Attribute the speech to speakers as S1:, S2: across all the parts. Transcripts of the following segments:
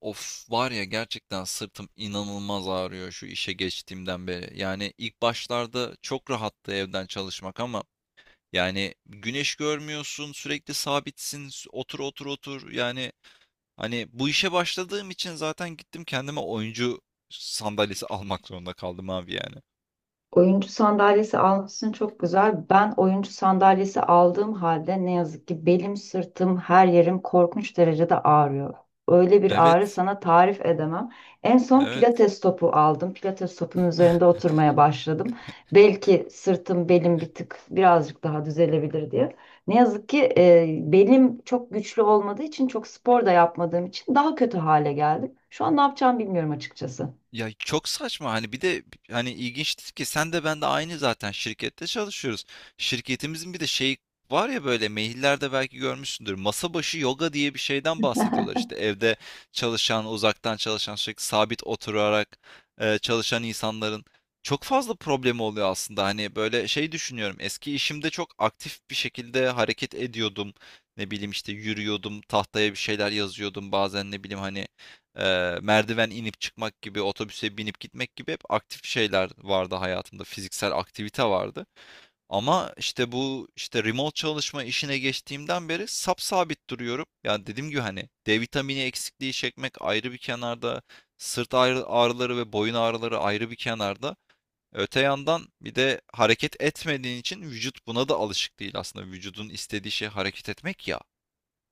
S1: Of var ya gerçekten sırtım inanılmaz ağrıyor şu işe geçtiğimden beri. Yani ilk başlarda çok rahattı evden çalışmak ama yani güneş görmüyorsun, sürekli sabitsin, otur otur otur. Yani hani bu işe başladığım için zaten gittim kendime oyuncu sandalyesi almak zorunda kaldım abi yani.
S2: Oyuncu sandalyesi almışsın çok güzel. Ben oyuncu sandalyesi aldığım halde ne yazık ki belim, sırtım, her yerim korkunç derecede ağrıyor. Öyle bir ağrı
S1: Evet,
S2: sana tarif edemem. En son
S1: evet.
S2: pilates topu aldım. Pilates topunun üzerinde oturmaya başladım. Belki sırtım, belim bir tık birazcık daha düzelebilir diye. Ne yazık ki belim çok güçlü olmadığı için çok spor da yapmadığım için daha kötü hale geldim. Şu an ne yapacağımı bilmiyorum açıkçası.
S1: Ya çok saçma hani bir de hani ilginçtir ki sen de ben de aynı zaten şirkette çalışıyoruz. Şirketimizin bir de şey var ya böyle maillerde belki görmüşsündür. Masa başı yoga diye bir şeyden bahsediyorlar işte evde çalışan, uzaktan çalışan, sürekli sabit oturarak çalışan insanların çok fazla problemi oluyor aslında. Hani böyle şey düşünüyorum. Eski işimde çok aktif bir şekilde hareket ediyordum. Ne bileyim işte yürüyordum, tahtaya bir şeyler yazıyordum. Bazen ne bileyim hani merdiven inip çıkmak gibi, otobüse binip gitmek gibi hep aktif şeyler vardı hayatımda. Fiziksel aktivite vardı. Ama işte bu işte remote çalışma işine geçtiğimden beri sapsabit duruyorum. Yani dediğim gibi hani D vitamini eksikliği çekmek ayrı bir kenarda, sırt ağrıları ve boyun ağrıları ayrı bir kenarda. Öte yandan bir de hareket etmediğin için vücut buna da alışık değil aslında. Vücudun istediği şey hareket etmek ya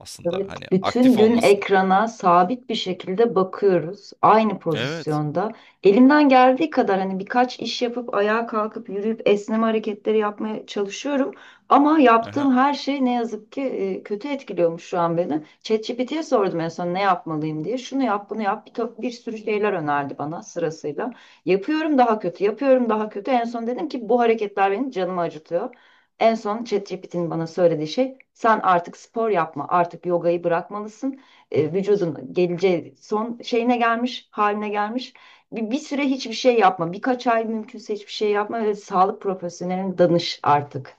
S1: aslında
S2: Evet,
S1: hani
S2: bütün
S1: aktif
S2: gün
S1: olmasın.
S2: ekrana sabit bir şekilde bakıyoruz. Aynı
S1: Evet.
S2: pozisyonda. Elimden geldiği kadar hani birkaç iş yapıp ayağa kalkıp yürüyüp esneme hareketleri yapmaya çalışıyorum. Ama
S1: Aha.
S2: yaptığım her şey ne yazık ki kötü etkiliyormuş şu an beni. ChatGPT'ye sordum en son ne yapmalıyım diye. Şunu yap, bunu yap. Bir, bir sürü şeyler önerdi bana sırasıyla. Yapıyorum daha kötü, yapıyorum daha kötü. En son dedim ki bu hareketler benim canımı acıtıyor. En son ChatGPT'nin bana söylediği şey sen artık spor yapma, artık yogayı bırakmalısın. Vücudun geleceği son şeyine gelmiş, haline gelmiş. Bir süre hiçbir şey yapma, birkaç ay mümkünse hiçbir şey yapma ve sağlık profesyoneline danış artık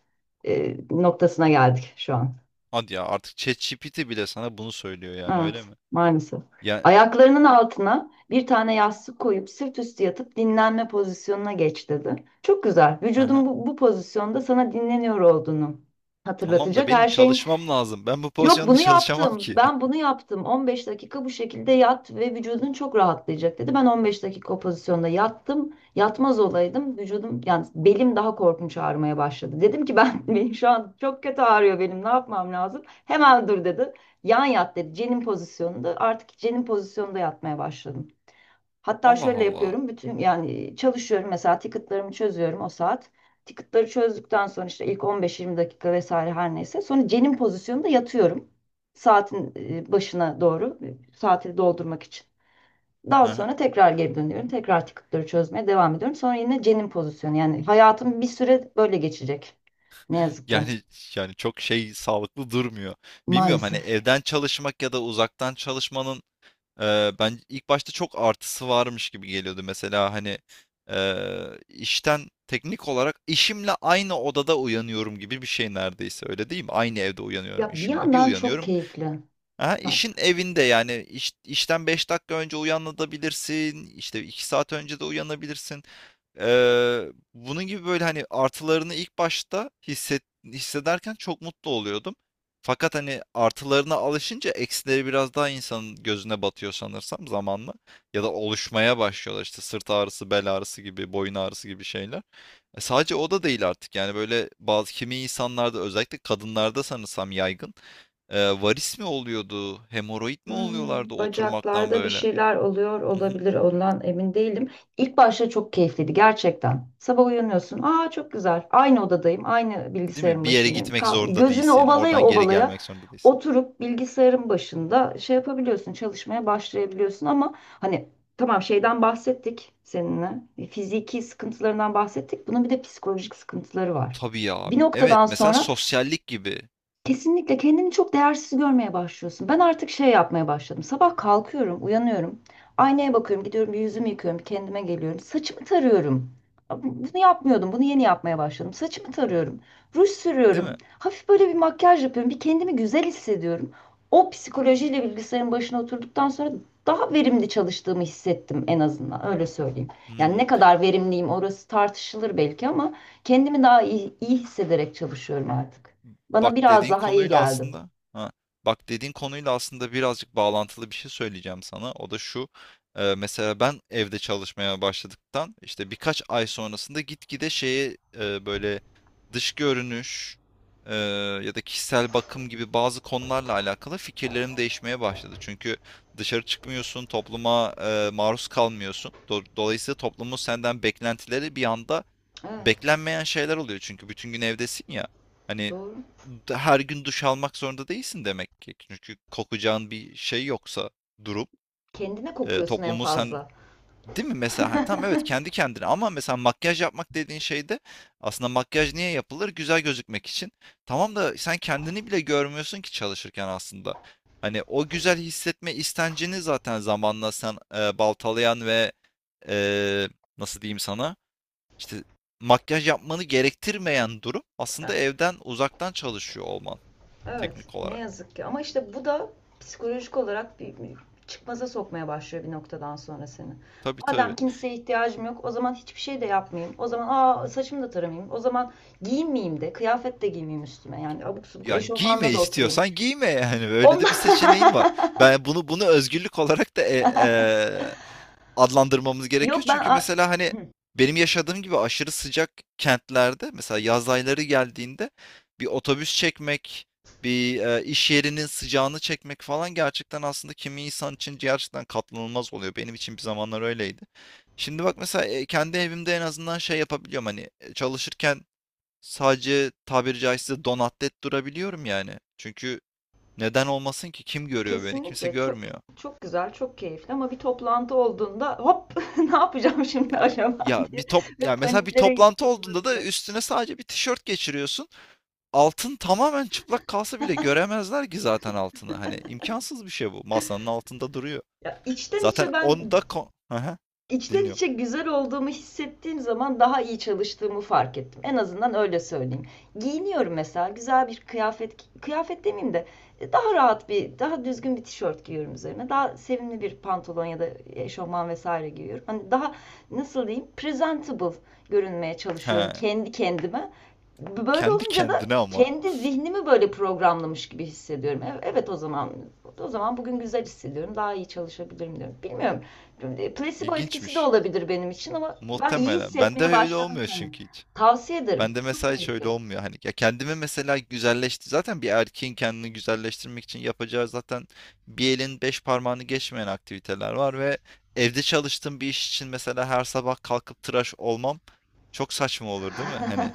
S2: noktasına geldik şu an.
S1: Hadi ya artık ChatGPT bile sana bunu söylüyor yani öyle
S2: Evet,
S1: mi?
S2: maalesef.
S1: Ya.
S2: Ayaklarının altına bir tane yastık koyup sırt üstü yatıp dinlenme pozisyonuna geç dedi. Çok güzel. Vücudun
S1: Aha.
S2: bu pozisyonda sana dinleniyor olduğunu
S1: Tamam da
S2: hatırlatacak
S1: benim
S2: her şeyin.
S1: çalışmam lazım. Ben bu
S2: Yok
S1: pozisyonda
S2: bunu
S1: çalışamam
S2: yaptım.
S1: ki.
S2: Ben bunu yaptım. 15 dakika bu şekilde yat ve vücudun çok rahatlayacak dedi. Ben 15 dakika o pozisyonda yattım. Yatmaz olaydım. Vücudum yani belim daha korkunç ağrımaya başladı. Dedim ki ben benim şu an çok kötü ağrıyor benim. Ne yapmam lazım? Hemen dur dedi. Yan yat dedi. Cenin pozisyonunda. Artık cenin pozisyonunda yatmaya başladım. Hatta
S1: Allah
S2: şöyle
S1: Allah.
S2: yapıyorum. Bütün yani çalışıyorum mesela ticketlarımı çözüyorum o saat. Ticketları çözdükten sonra işte ilk 15-20 dakika vesaire her neyse. Sonra cenin pozisyonunda yatıyorum. Saatin başına doğru saati doldurmak için. Daha
S1: Aha.
S2: sonra tekrar geri dönüyorum. Tekrar ticketları çözmeye devam ediyorum. Sonra yine cenin pozisyonu. Yani hayatım bir süre böyle geçecek. Ne yazık ki.
S1: Yani yani çok şey sağlıklı durmuyor. Bilmiyorum hani
S2: Maalesef.
S1: evden çalışmak ya da uzaktan çalışmanın ben ilk başta çok artısı varmış gibi geliyordu. Mesela hani işten teknik olarak işimle aynı odada uyanıyorum gibi bir şey neredeyse öyle değil mi? Aynı evde uyanıyorum
S2: Ya bir
S1: işimle. Bir
S2: yandan çok
S1: uyanıyorum.
S2: keyifli.
S1: Ha, işin evinde yani işten 5 dakika önce uyanabilirsin işte 2 saat önce de uyanabilirsin. Ee, Bunun gibi böyle hani artılarını ilk başta hissederken çok mutlu oluyordum, fakat hani artılarına alışınca eksileri biraz daha insanın gözüne batıyor sanırsam zamanla ya da oluşmaya başlıyorlar işte sırt ağrısı, bel ağrısı gibi, boyun ağrısı gibi şeyler. Sadece o da değil artık yani, böyle bazı kimi insanlarda özellikle kadınlarda sanırsam yaygın. Varis mi oluyordu? Hemoroid mi
S2: Hmm,
S1: oluyorlardı oturmaktan
S2: bacaklarda bir
S1: böyle?
S2: şeyler oluyor
S1: Hı hı.
S2: olabilir ondan emin değilim. İlk başta çok keyifliydi gerçekten. Sabah uyanıyorsun. Aa çok güzel. Aynı odadayım. Aynı
S1: Değil mi?
S2: bilgisayarın
S1: Bir yere
S2: başındayım.
S1: gitmek
S2: Kaldım.
S1: zorunda
S2: Gözünü
S1: değilsin.
S2: ovalaya
S1: Oradan geri
S2: ovalaya
S1: gelmek zorunda değilsin.
S2: oturup bilgisayarın başında şey yapabiliyorsun. Çalışmaya başlayabiliyorsun ama hani tamam şeyden bahsettik seninle. Fiziki sıkıntılarından bahsettik. Bunun bir de psikolojik sıkıntıları var.
S1: Tabii ya.
S2: Bir
S1: Evet.
S2: noktadan
S1: Mesela
S2: sonra
S1: sosyallik gibi.
S2: kesinlikle kendini çok değersiz görmeye başlıyorsun. Ben artık şey yapmaya başladım. Sabah kalkıyorum, uyanıyorum. Aynaya bakıyorum, gidiyorum bir yüzümü yıkıyorum, kendime geliyorum. Saçımı tarıyorum. Bunu yapmıyordum, bunu yeni yapmaya başladım. Saçımı tarıyorum, ruj
S1: Değil
S2: sürüyorum.
S1: mi?
S2: Hafif böyle bir makyaj yapıyorum, bir kendimi güzel hissediyorum. O psikolojiyle bilgisayarın başına oturduktan sonra daha verimli çalıştığımı hissettim en azından, öyle söyleyeyim. Yani
S1: Hmm.
S2: ne kadar verimliyim orası tartışılır belki ama kendimi daha iyi hissederek çalışıyorum artık. Bana
S1: bak
S2: biraz
S1: dediğin
S2: daha iyi
S1: konuyla
S2: geldi.
S1: aslında ha, Bak dediğin konuyla aslında birazcık bağlantılı bir şey söyleyeceğim sana. O da şu. Mesela ben evde çalışmaya başladıktan işte birkaç ay sonrasında gitgide şeye, böyle dış görünüş e, ya da kişisel bakım gibi bazı konularla alakalı fikirlerim değişmeye başladı. Çünkü dışarı çıkmıyorsun, topluma maruz kalmıyorsun. Dolayısıyla toplumun senden beklentileri bir anda
S2: Evet,
S1: beklenmeyen şeyler oluyor. Çünkü bütün gün evdesin ya. Hani
S2: doğru.
S1: her gün duş almak zorunda değilsin demek ki. Çünkü kokacağın bir şey yoksa durum,
S2: Kendine kokuyorsun en
S1: toplumu sen,
S2: fazla.
S1: değil mi mesela? Ha, tamam, evet kendi kendine, ama mesela makyaj yapmak dediğin şey de aslında, makyaj niye yapılır? Güzel gözükmek için. Tamam da sen kendini bile görmüyorsun ki çalışırken aslında. Hani o güzel hissetme istencini zaten zamanla sen baltalayan ve e, nasıl diyeyim sana, işte makyaj yapmanı gerektirmeyen durum aslında evden uzaktan çalışıyor olman
S2: Evet,
S1: teknik
S2: ne
S1: olarak.
S2: yazık ki. Ama işte bu da psikolojik olarak bir çıkmaza sokmaya başlıyor bir noktadan sonra seni.
S1: Tabii
S2: Madem
S1: tabii.
S2: kimseye ihtiyacım yok, o zaman hiçbir şey de yapmayayım. O zaman aa saçımı da taramayayım. O zaman giyinmeyeyim de, kıyafet de giymeyeyim üstüme. Yani abuk subuk
S1: Yani giyme
S2: eşofmanla da oturayım.
S1: istiyorsan giyme yani. Öyle de
S2: Ondan...
S1: bir seçeneğin var. Ben bunu özgürlük olarak da adlandırmamız gerekiyor.
S2: Yok ben...
S1: Çünkü
S2: a-
S1: mesela hani
S2: Hı.
S1: benim yaşadığım gibi aşırı sıcak kentlerde, mesela yaz ayları geldiğinde bir otobüs çekmek, bir iş yerinin sıcağını çekmek falan gerçekten aslında kimi insan için gerçekten katlanılmaz oluyor. Benim için bir zamanlar öyleydi. Şimdi bak mesela kendi evimde en azından şey yapabiliyorum hani çalışırken. Sadece tabiri caizse donatlet durabiliyorum yani. Çünkü neden olmasın ki? Kim görüyor beni? Kimse
S2: Kesinlikle çok
S1: görmüyor.
S2: çok güzel, çok keyifli ama bir toplantı olduğunda hop ne yapacağım şimdi
S1: Ya
S2: acaba
S1: ya bir
S2: diye
S1: top
S2: ve
S1: ya mesela bir
S2: paniklere
S1: toplantı olduğunda da
S2: kapılabiliyorum.
S1: üstüne sadece bir tişört geçiriyorsun. Altın tamamen çıplak kalsa bile göremezler ki zaten altını. Hani imkansız bir şey bu. Masanın altında duruyor.
S2: Ya içten
S1: Zaten
S2: içe ben
S1: onda ko Aha,
S2: İçten
S1: dinliyorum.
S2: içe güzel olduğumu hissettiğim zaman daha iyi çalıştığımı fark ettim. En azından öyle söyleyeyim. Giyiniyorum mesela güzel bir kıyafet, kıyafet demeyeyim de daha rahat bir, daha düzgün bir tişört giyiyorum üzerine. Daha sevimli bir pantolon ya da eşofman vesaire giyiyorum. Hani daha nasıl diyeyim presentable görünmeye çalışıyorum
S1: He.
S2: kendi kendime. Böyle
S1: Kendi
S2: olunca da
S1: kendine ama.
S2: kendi zihnimi böyle programlamış gibi hissediyorum. E- Evet o zaman bugün güzel hissediyorum. Daha iyi çalışabilirim diyorum. Bilmiyorum. Placebo etkisi de
S1: İlginçmiş.
S2: olabilir benim için ama ben iyi
S1: Muhtemelen. Bende
S2: hissetmeye
S1: öyle
S2: başladım
S1: olmuyor
S2: kendim.
S1: çünkü hiç.
S2: Tavsiye ederim.
S1: Bende
S2: Çok
S1: mesela hiç öyle
S2: keyifli.
S1: olmuyor hani. Ya kendimi mesela güzelleşti. Zaten bir erkeğin kendini güzelleştirmek için yapacağı zaten bir elin beş parmağını geçmeyen aktiviteler var ve evde çalıştığım bir iş için mesela her sabah kalkıp tıraş olmam çok saçma olur değil mi? Hani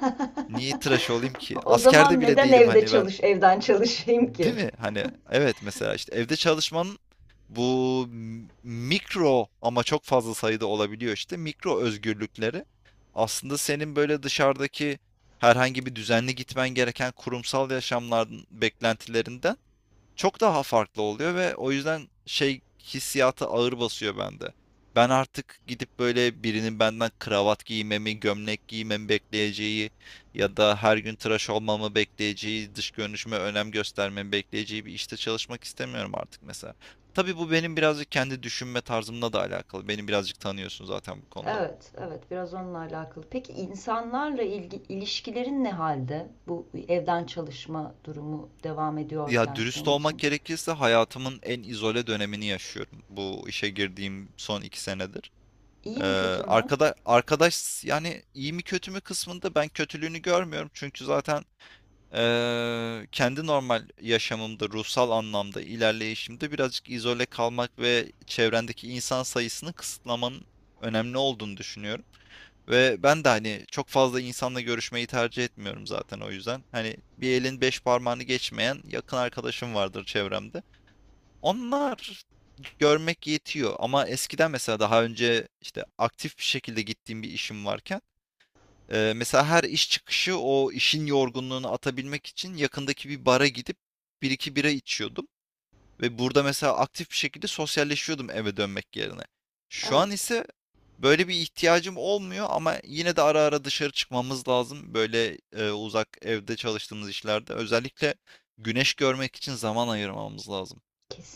S1: niye tıraş olayım ki?
S2: O
S1: Askerde
S2: zaman
S1: bile
S2: neden
S1: değilim
S2: evde
S1: hani ben.
S2: evden çalışayım
S1: Değil
S2: ki?
S1: mi? Hani evet mesela işte evde çalışmanın, bu mikro ama çok fazla sayıda olabiliyor işte mikro özgürlükleri aslında senin böyle dışarıdaki herhangi bir düzenli gitmen gereken kurumsal yaşamların beklentilerinden çok daha farklı oluyor ve o yüzden şey hissiyatı ağır basıyor bende. Ben artık gidip böyle birinin benden kravat giymemi, gömlek giymemi bekleyeceği ya da her gün tıraş olmamı bekleyeceği, dış görünüşüme önem göstermemi bekleyeceği bir işte çalışmak istemiyorum artık mesela. Tabii bu benim birazcık kendi düşünme tarzımla da alakalı. Beni birazcık tanıyorsun zaten bu konuda.
S2: Evet, evet biraz onunla alakalı. Peki insanlarla ilişkilerin ne halde? Bu evden çalışma durumu devam
S1: Ya
S2: ediyorken
S1: dürüst
S2: senin
S1: olmak
S2: için.
S1: gerekirse hayatımın en izole dönemini yaşıyorum. Bu işe girdiğim son 2 senedir.
S2: İyi
S1: Ee,
S2: mi kötü mü?
S1: arkadaş yani, iyi mi kötü mü kısmında ben kötülüğünü görmüyorum. Çünkü zaten kendi normal yaşamımda, ruhsal anlamda ilerleyişimde birazcık izole kalmak ve çevrendeki insan sayısını kısıtlamanın önemli olduğunu düşünüyorum. Ve ben de hani çok fazla insanla görüşmeyi tercih etmiyorum zaten o yüzden. Hani bir elin beş parmağını geçmeyen yakın arkadaşım vardır çevremde. Onlar görmek yetiyor, ama eskiden mesela daha önce işte aktif bir şekilde gittiğim bir işim varken mesela her iş çıkışı o işin yorgunluğunu atabilmek için yakındaki bir bara gidip bir iki bira içiyordum ve burada mesela aktif bir şekilde sosyalleşiyordum eve dönmek yerine. Şu an
S2: Evet,
S1: ise böyle bir ihtiyacım olmuyor, ama yine de ara ara dışarı çıkmamız lazım, böyle uzak evde çalıştığımız işlerde özellikle güneş görmek için zaman ayırmamız lazım.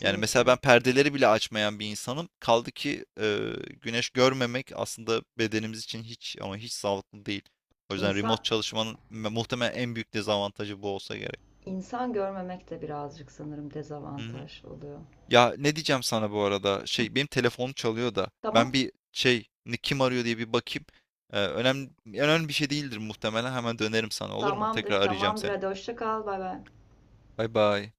S1: Yani mesela ben perdeleri bile açmayan bir insanım. Kaldı ki güneş görmemek aslında bedenimiz için hiç ama hiç sağlıklı değil. O yüzden remote
S2: İnsan
S1: çalışmanın muhtemelen en büyük dezavantajı bu olsa gerek.
S2: insan görmemek de birazcık sanırım
S1: Hı hı.
S2: dezavantaj oluyor.
S1: Ya ne diyeceğim sana bu arada?
S2: Hı,
S1: Şey benim telefonum çalıyor da ben
S2: tamam.
S1: kim arıyor diye bir bakayım. Önemli önemli bir şey değildir muhtemelen. Hemen dönerim sana, olur mu?
S2: Tamamdır,
S1: Tekrar arayacağım
S2: tamamdır.
S1: seni.
S2: Hadi hoşça kal. Bay bay.
S1: Bay bay.